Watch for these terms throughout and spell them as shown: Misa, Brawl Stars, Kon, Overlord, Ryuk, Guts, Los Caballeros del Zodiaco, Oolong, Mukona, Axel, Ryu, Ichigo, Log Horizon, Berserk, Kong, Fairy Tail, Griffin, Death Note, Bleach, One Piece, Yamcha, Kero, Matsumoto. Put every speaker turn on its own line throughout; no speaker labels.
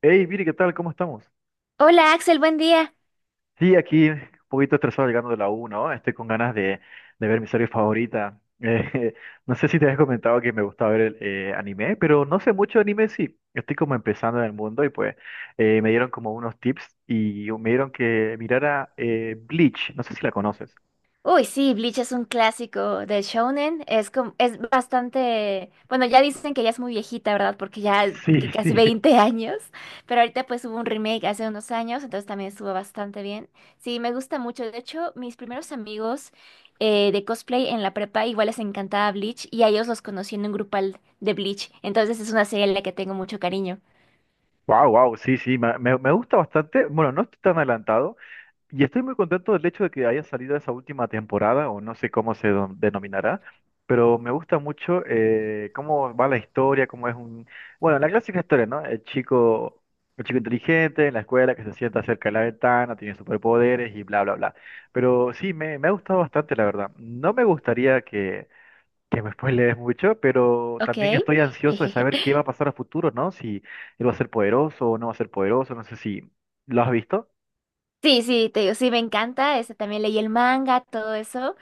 Hey, Viri, ¿qué tal? ¿Cómo estamos?
Hola Axel, buen día.
Sí, aquí un poquito estresado llegando de la U, ¿no? Estoy con ganas de ver mi serie favorita. No sé si te habías comentado que me gusta ver el, anime, pero no sé mucho de anime, sí. Estoy como empezando en el mundo y pues me dieron como unos tips y me dieron que mirara Bleach. No sé si la conoces.
Uy, sí, Bleach es un clásico de shounen, es como, es bastante, bueno, ya dicen que ya es muy viejita, ¿verdad? Porque ya
Sí,
que casi
sí.
20 años, pero ahorita pues hubo un remake hace unos años, entonces también estuvo bastante bien. Sí, me gusta mucho. De hecho, mis primeros amigos de cosplay en la prepa igual les encantaba Bleach y a ellos los conocí en un grupal de Bleach, entonces es una serie a la que tengo mucho cariño.
Wow, wow, sí, sí, me gusta bastante. Bueno, no estoy tan adelantado, y estoy muy contento del hecho de que haya salido esa última temporada, o no sé cómo se denominará, pero me gusta mucho cómo va la historia, cómo es un... Bueno, la clásica historia, ¿no? El chico inteligente en la escuela que se sienta cerca de la ventana, tiene superpoderes y bla, bla, bla. Pero sí, me ha gustado bastante, la verdad. No me gustaría que me spoilees mucho, pero
Ok.
también estoy ansioso de saber qué va a pasar a futuro, ¿no? Si él va a ser poderoso o no va a ser poderoso, no sé si... ¿Lo has visto?
Sí, sí, te digo, sí, me encanta. Este, también leí el manga, todo eso.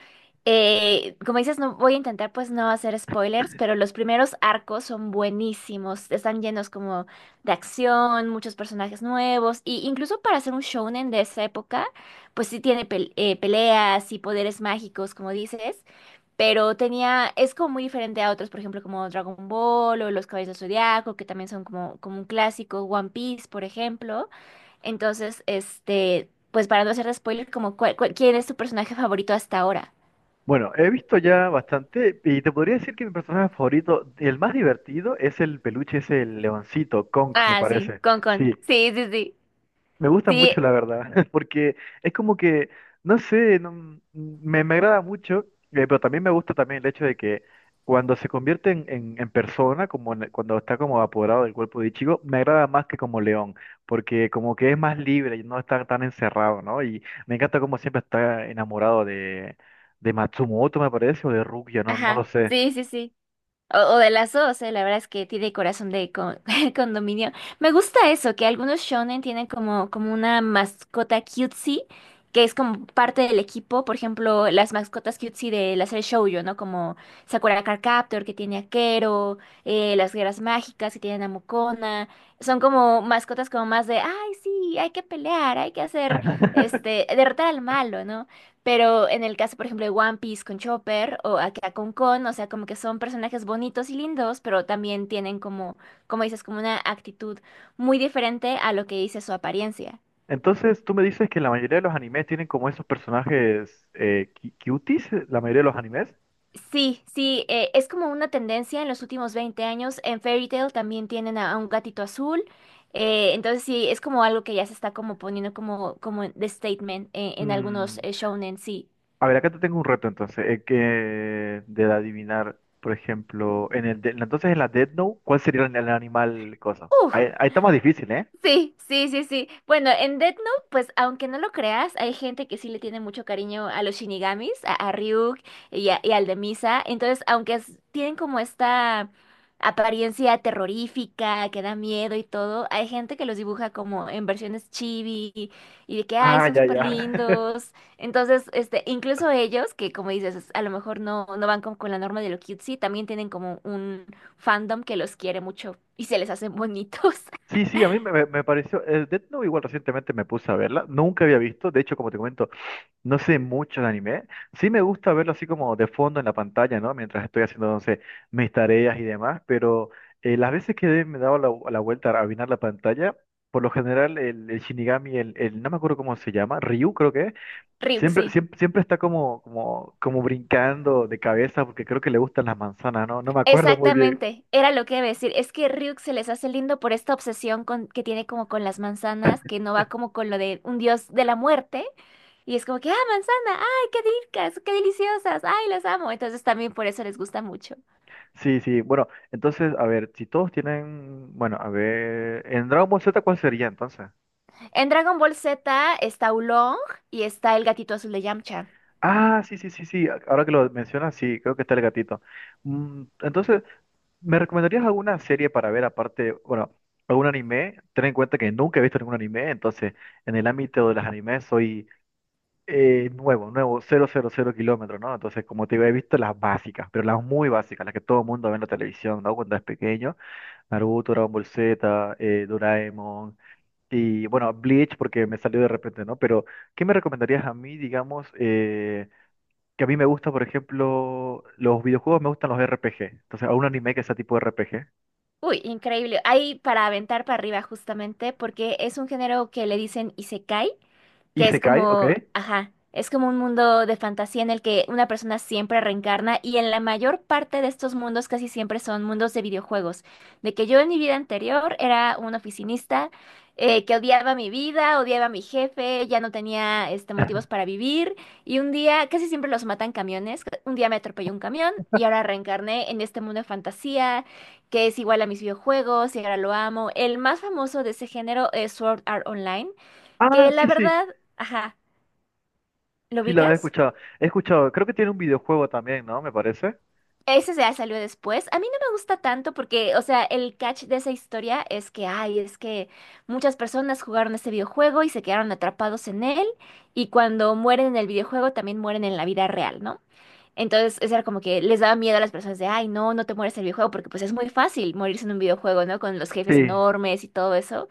Como dices, no voy a intentar pues no hacer spoilers, pero los primeros arcos son buenísimos. Están llenos como de acción, muchos personajes nuevos. Y incluso para hacer un shounen de esa época, pues sí tiene peleas y poderes mágicos, como dices, pero tenía, es como muy diferente a otros, por ejemplo, como Dragon Ball o Los Caballeros del Zodiaco, que también son como, como un clásico, One Piece, por ejemplo. Entonces, este, pues para no hacer spoiler, como ¿quién es tu personaje favorito hasta ahora?
Bueno, he visto ya bastante y te podría decir que mi personaje favorito, el más divertido, es el peluche, es el leoncito, Kong, me
Ah, sí,
parece.
Con Con.
Sí,
Sí, sí, sí.
me gusta
Sí,
mucho, la verdad, porque es como que, no sé, me agrada mucho, pero también me gusta también el hecho de que cuando se convierte en, en persona, como cuando está como apoderado del cuerpo de Ichigo, me agrada más que como león, porque como que es más libre y no está tan encerrado, ¿no? Y me encanta como siempre está enamorado de Matsumoto, me parece, o de Rukia, no, no lo
ajá.
sé.
Sí, sí, sí. O de las dos, la verdad es que tiene corazón de condominio. Me gusta eso, que algunos shonen tienen como, como una mascota cutesy, que es como parte del equipo. Por ejemplo, las mascotas cutesy de la serie Shoujo, ¿no? Como Sakura Card Captor, que tiene a Kero, las guerras mágicas, que tienen a Mukona. Son como mascotas como más de, ay, sí, hay que pelear, hay que hacer, este, derrotar al malo, ¿no? Pero en el caso, por ejemplo, de One Piece con Chopper o acá con Kon, o sea, como que son personajes bonitos y lindos, pero también tienen como, como dices, como una actitud muy diferente a lo que dice su apariencia.
Entonces, tú me dices que la mayoría de los animes tienen como esos personajes cuties, la mayoría de los animes.
Sí, sí, es como una tendencia en los últimos 20 años. En Fairy Tail también tienen a un gatito azul. Entonces sí, es como algo que ya se está como poniendo como, como de statement en
Mm,
algunos shounen, sí.
a ver, acá te tengo un reto entonces, que de adivinar, por ejemplo, en el entonces en la Death Note, ¿cuál sería el animal cosa? Ahí, ahí está más difícil, ¿eh?
Sí, sí, sí, sí. Bueno, en Death Note, pues aunque no lo creas, hay gente que sí le tiene mucho cariño a los Shinigamis, a Ryuk y, y al de Misa. Entonces, tienen como esta apariencia terrorífica, que da miedo y todo, hay gente que los dibuja como en versiones chibi y de que, ay,
Ah,
son
ya,
súper
ya.
lindos. Entonces, este, incluso ellos, que como dices, a lo mejor no, no van como con la norma de lo cutesy, también tienen como un fandom que los quiere mucho y se les hacen bonitos.
Sí, sí, a mí me pareció, el Death Note igual recientemente me puse a verla, nunca había visto, de hecho, como te comento, no sé mucho de anime. Sí me gusta verlo así como de fondo en la pantalla, ¿no? Mientras estoy haciendo, no sé, mis tareas y demás, pero las veces que me he dado la, la vuelta a mirar la pantalla, por lo general el Shinigami, el, no me acuerdo cómo se llama, Ryu creo que es,
Ryuk,
siempre,
sí.
siempre, siempre está como, como, como brincando de cabeza porque creo que le gustan las manzanas, ¿no? No me acuerdo muy bien.
Exactamente, era lo que iba a decir. Es que Ryuk se les hace lindo por esta obsesión con, que tiene como con las manzanas, que no va como con lo de un dios de la muerte. Y es como que, ah, manzana, ay, qué ricas, qué deliciosas, ay, las amo. Entonces también por eso les gusta mucho.
Sí, sí, bueno, entonces, a ver, si todos tienen, bueno, a ver, en Dragon Ball Z, ¿cuál sería entonces?
En Dragon Ball Z está Oolong y está el gatito azul de Yamcha.
Ah, sí, sí, sí, sí. Ahora que lo mencionas, sí, creo que está el gatito. Mm, entonces, ¿me recomendarías alguna serie para ver aparte, bueno, algún anime? Ten en cuenta que nunca he visto ningún anime, entonces en el ámbito de los animes soy nuevo, nuevo, cero cero cero kilómetros, ¿no? Entonces, como te digo, he visto las básicas, pero las muy básicas, las que todo el mundo ve en la televisión, ¿no? Cuando es pequeño. Naruto, Dragon Ball Z, Doraemon. Y bueno, Bleach porque me salió de repente, ¿no? Pero, ¿qué me recomendarías a mí, digamos? Que a mí me gusta, por ejemplo, los videojuegos, me gustan los RPG. Entonces, a un anime que sea tipo RPG.
Uy, increíble. Hay para aventar para arriba justamente porque es un género que le dicen isekai,
Y
que es
se cae, ¿ok?
como, ajá, es como un mundo de fantasía en el que una persona siempre reencarna y en la mayor parte de estos mundos casi siempre son mundos de videojuegos. De que yo en mi vida anterior era un oficinista que odiaba mi vida, odiaba a mi jefe, ya no tenía este, motivos para vivir y un día casi siempre los matan camiones. Un día me atropelló un camión y ahora reencarné en este mundo de fantasía que es igual a mis videojuegos y ahora lo amo. El más famoso de ese género es Sword Art Online, que
Ah,
la
sí, sí.
verdad, ajá, ¿lo
Sí, la he
ubicas?
escuchado. He escuchado. Creo que tiene un videojuego también, ¿no? Me parece.
Ese ya salió después. A mí no me gusta tanto porque, o sea, el catch de esa historia es que, ay, es que muchas personas jugaron ese videojuego y se quedaron atrapados en él y cuando mueren en el videojuego también mueren en la vida real, ¿no? Entonces, eso era como que les daba miedo a las personas de, ay, no, no te mueres en el videojuego, porque pues es muy fácil morirse en un videojuego, ¿no? Con los jefes
Sí.
enormes y todo eso.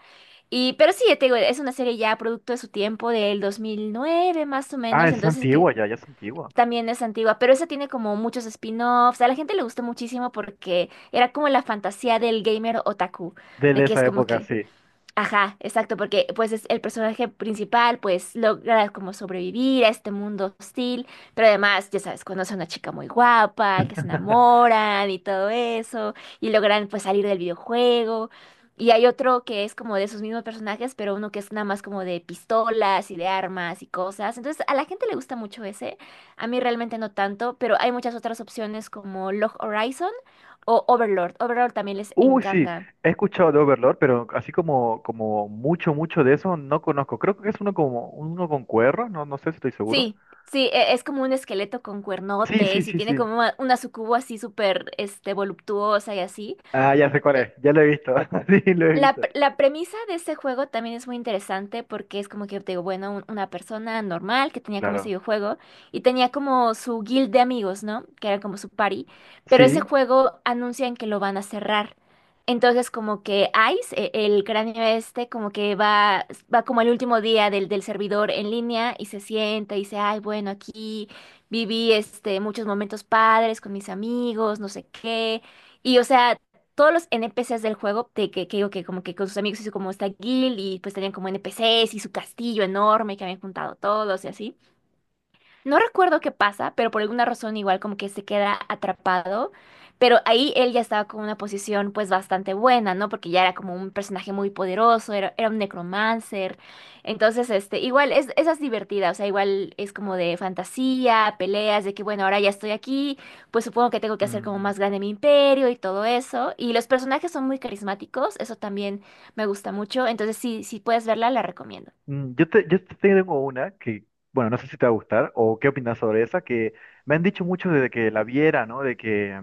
Y, pero sí, te digo, es una serie ya producto de su tiempo, del 2009 más o
Ah,
menos,
es
entonces que
antigua ya, ya es antigua.
también es antigua, pero esa tiene como muchos spin-offs, a la gente le gustó muchísimo porque era como la fantasía del gamer otaku, de
De
que
esa
es como
época,
que,
sí.
ajá, exacto, porque pues es el personaje principal, pues logra como sobrevivir a este mundo hostil, pero además, ya sabes, conoce a una chica muy guapa, que se enamoran y todo eso, y logran pues salir del videojuego. Y hay otro que es como de esos mismos personajes, pero uno que es nada más como de pistolas y de armas y cosas. Entonces, a la gente le gusta mucho ese, a mí realmente no tanto, pero hay muchas otras opciones como Log Horizon o Overlord. Overlord también les
Uy, sí,
encanta.
he escuchado de Overlord, pero así como, como mucho, mucho de eso no conozco. Creo que es uno como uno con cuernos, no, no sé si estoy seguro.
Sí, sí, es como un esqueleto con
Sí, sí,
cuernotes y
sí,
tiene
sí.
como una sucubo así súper, este, voluptuosa y así.
Ah, ya sé cuál es, ya lo he visto. Sí, lo he
La,
visto.
la premisa de ese juego también es muy interesante porque es como que, te digo, bueno, una persona normal que tenía como ese
Claro.
videojuego y tenía como su guild de amigos, ¿no? Que era como su party, pero ese
Sí.
juego anuncian que lo van a cerrar. Entonces como que Ice, el cráneo este, como que va, va como el último día del, del servidor en línea y se sienta y dice, ay, bueno, aquí viví este, muchos momentos padres con mis amigos, no sé qué. Y, o sea, todos los NPCs del juego, de que digo que como que con sus amigos hizo como esta guild y pues tenían como NPCs y su castillo enorme que habían juntado todos y así. No recuerdo qué pasa, pero por alguna razón igual como que se queda atrapado. Pero ahí él ya estaba con una posición pues bastante buena, ¿no? Porque ya era como un personaje muy poderoso, era, era un necromancer. Entonces, este, igual es, esa es divertida, o sea, igual es como de fantasía, peleas, de que bueno, ahora ya estoy aquí, pues supongo que tengo que hacer como
Mm,
más grande mi imperio y todo eso. Y los personajes son muy carismáticos, eso también me gusta mucho. Entonces, sí, si puedes verla, la recomiendo.
mm, yo te tengo una que, bueno, no sé si te va a gustar o qué opinas sobre esa, que me han dicho mucho desde que la viera, ¿no?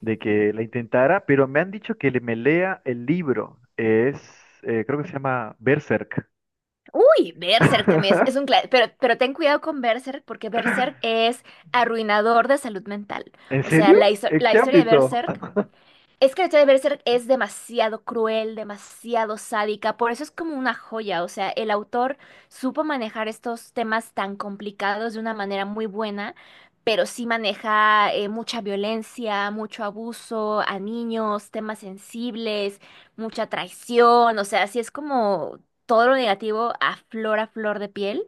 De que la intentara, pero me han dicho que me lea el libro. Es, creo que se llama Berserk.
Uy, Berserk también es un clásico, pero ten cuidado con Berserk porque Berserk es arruinador de salud mental.
¿En
O sea,
serio?
la,
¿En
la
qué
historia de
ámbito?
Berserk es que la historia de Berserk es demasiado cruel, demasiado sádica, por eso es como una joya, o sea, el autor supo manejar estos temas tan complicados de una manera muy buena, pero sí maneja mucha violencia, mucho abuso a niños, temas sensibles, mucha traición, o sea, sí es como todo lo negativo a flor de piel.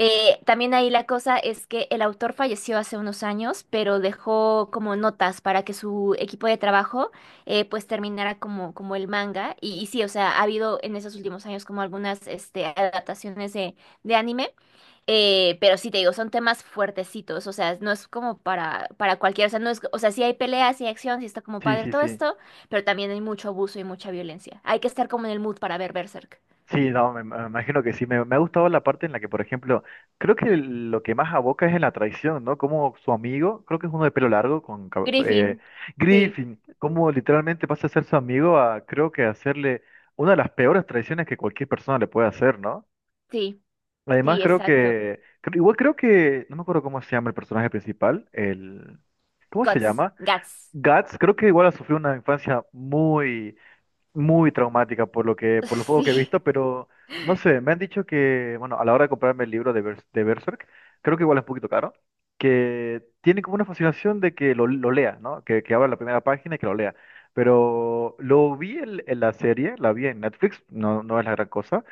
También ahí la cosa es que el autor falleció hace unos años, pero dejó como notas para que su equipo de trabajo pues terminara como, como el manga. Y sí, o sea, ha habido en esos últimos años como algunas este, adaptaciones de anime, pero sí te digo, son temas fuertecitos, o sea, no es como para cualquiera, o sea, no es, o sea, sí hay peleas, sí hay acción, sí está como
Sí,
padre
sí,
todo
sí.
esto, pero también hay mucho abuso y mucha violencia. Hay que estar como en el mood para ver Berserk.
Sí, no, me imagino que sí. Me ha gustado la parte en la que, por ejemplo, creo que lo que más aboca es en la traición, ¿no? Como su amigo, creo que es uno de pelo largo, con
Griffin, sí,
Griffin, como literalmente pasa a ser su amigo a, creo que hacerle una de las peores traiciones que cualquier persona le puede hacer, ¿no?
sí,
Además,
sí,
creo
exacto.
que, igual creo que, no me acuerdo cómo se llama el personaje principal, el, ¿cómo se
Guts,
llama?
Guts.
Guts, creo que igual ha sufrido una infancia muy muy traumática por lo que, por lo poco que
Sí.
he visto, pero no sé, me han dicho que, bueno, a la hora de comprarme el libro de, de Berserk, creo que igual es un poquito caro, que tiene como una fascinación de que lo lea, ¿no? Que abra la primera página y que lo lea. Pero lo vi en la serie, la vi en Netflix, no, no es la gran cosa,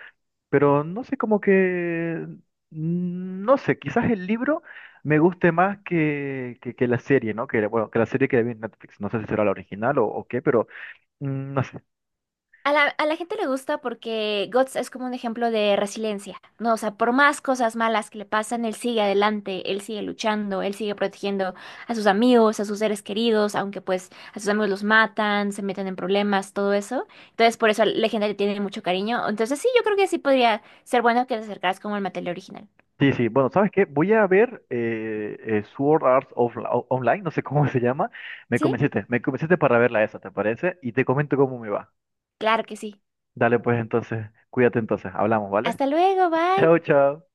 pero no sé, como que, mm, no sé, quizás el libro me guste más que la serie, ¿no? Que, bueno, que la serie que vi en Netflix, no sé si será la original o qué, pero... Mm, no sé,
A la gente le gusta porque Guts es como un ejemplo de resiliencia, ¿no? O sea, por más cosas malas que le pasan, él sigue adelante, él sigue luchando, él sigue protegiendo a sus amigos, a sus seres queridos, aunque pues a sus amigos los matan, se meten en problemas, todo eso. Entonces, por eso la gente le tiene mucho cariño. Entonces, sí, yo creo que sí podría ser bueno que te acercaras como el material original.
sí, sí, bueno, ¿sabes qué? Voy a ver Sword Art Online, no sé cómo se llama.
¿Sí?
Me convenciste para verla esa, ¿te parece? Y te comento cómo me va.
Claro que sí.
Dale, pues entonces, cuídate entonces, hablamos, ¿vale?
Hasta luego, bye.
Chao, chao.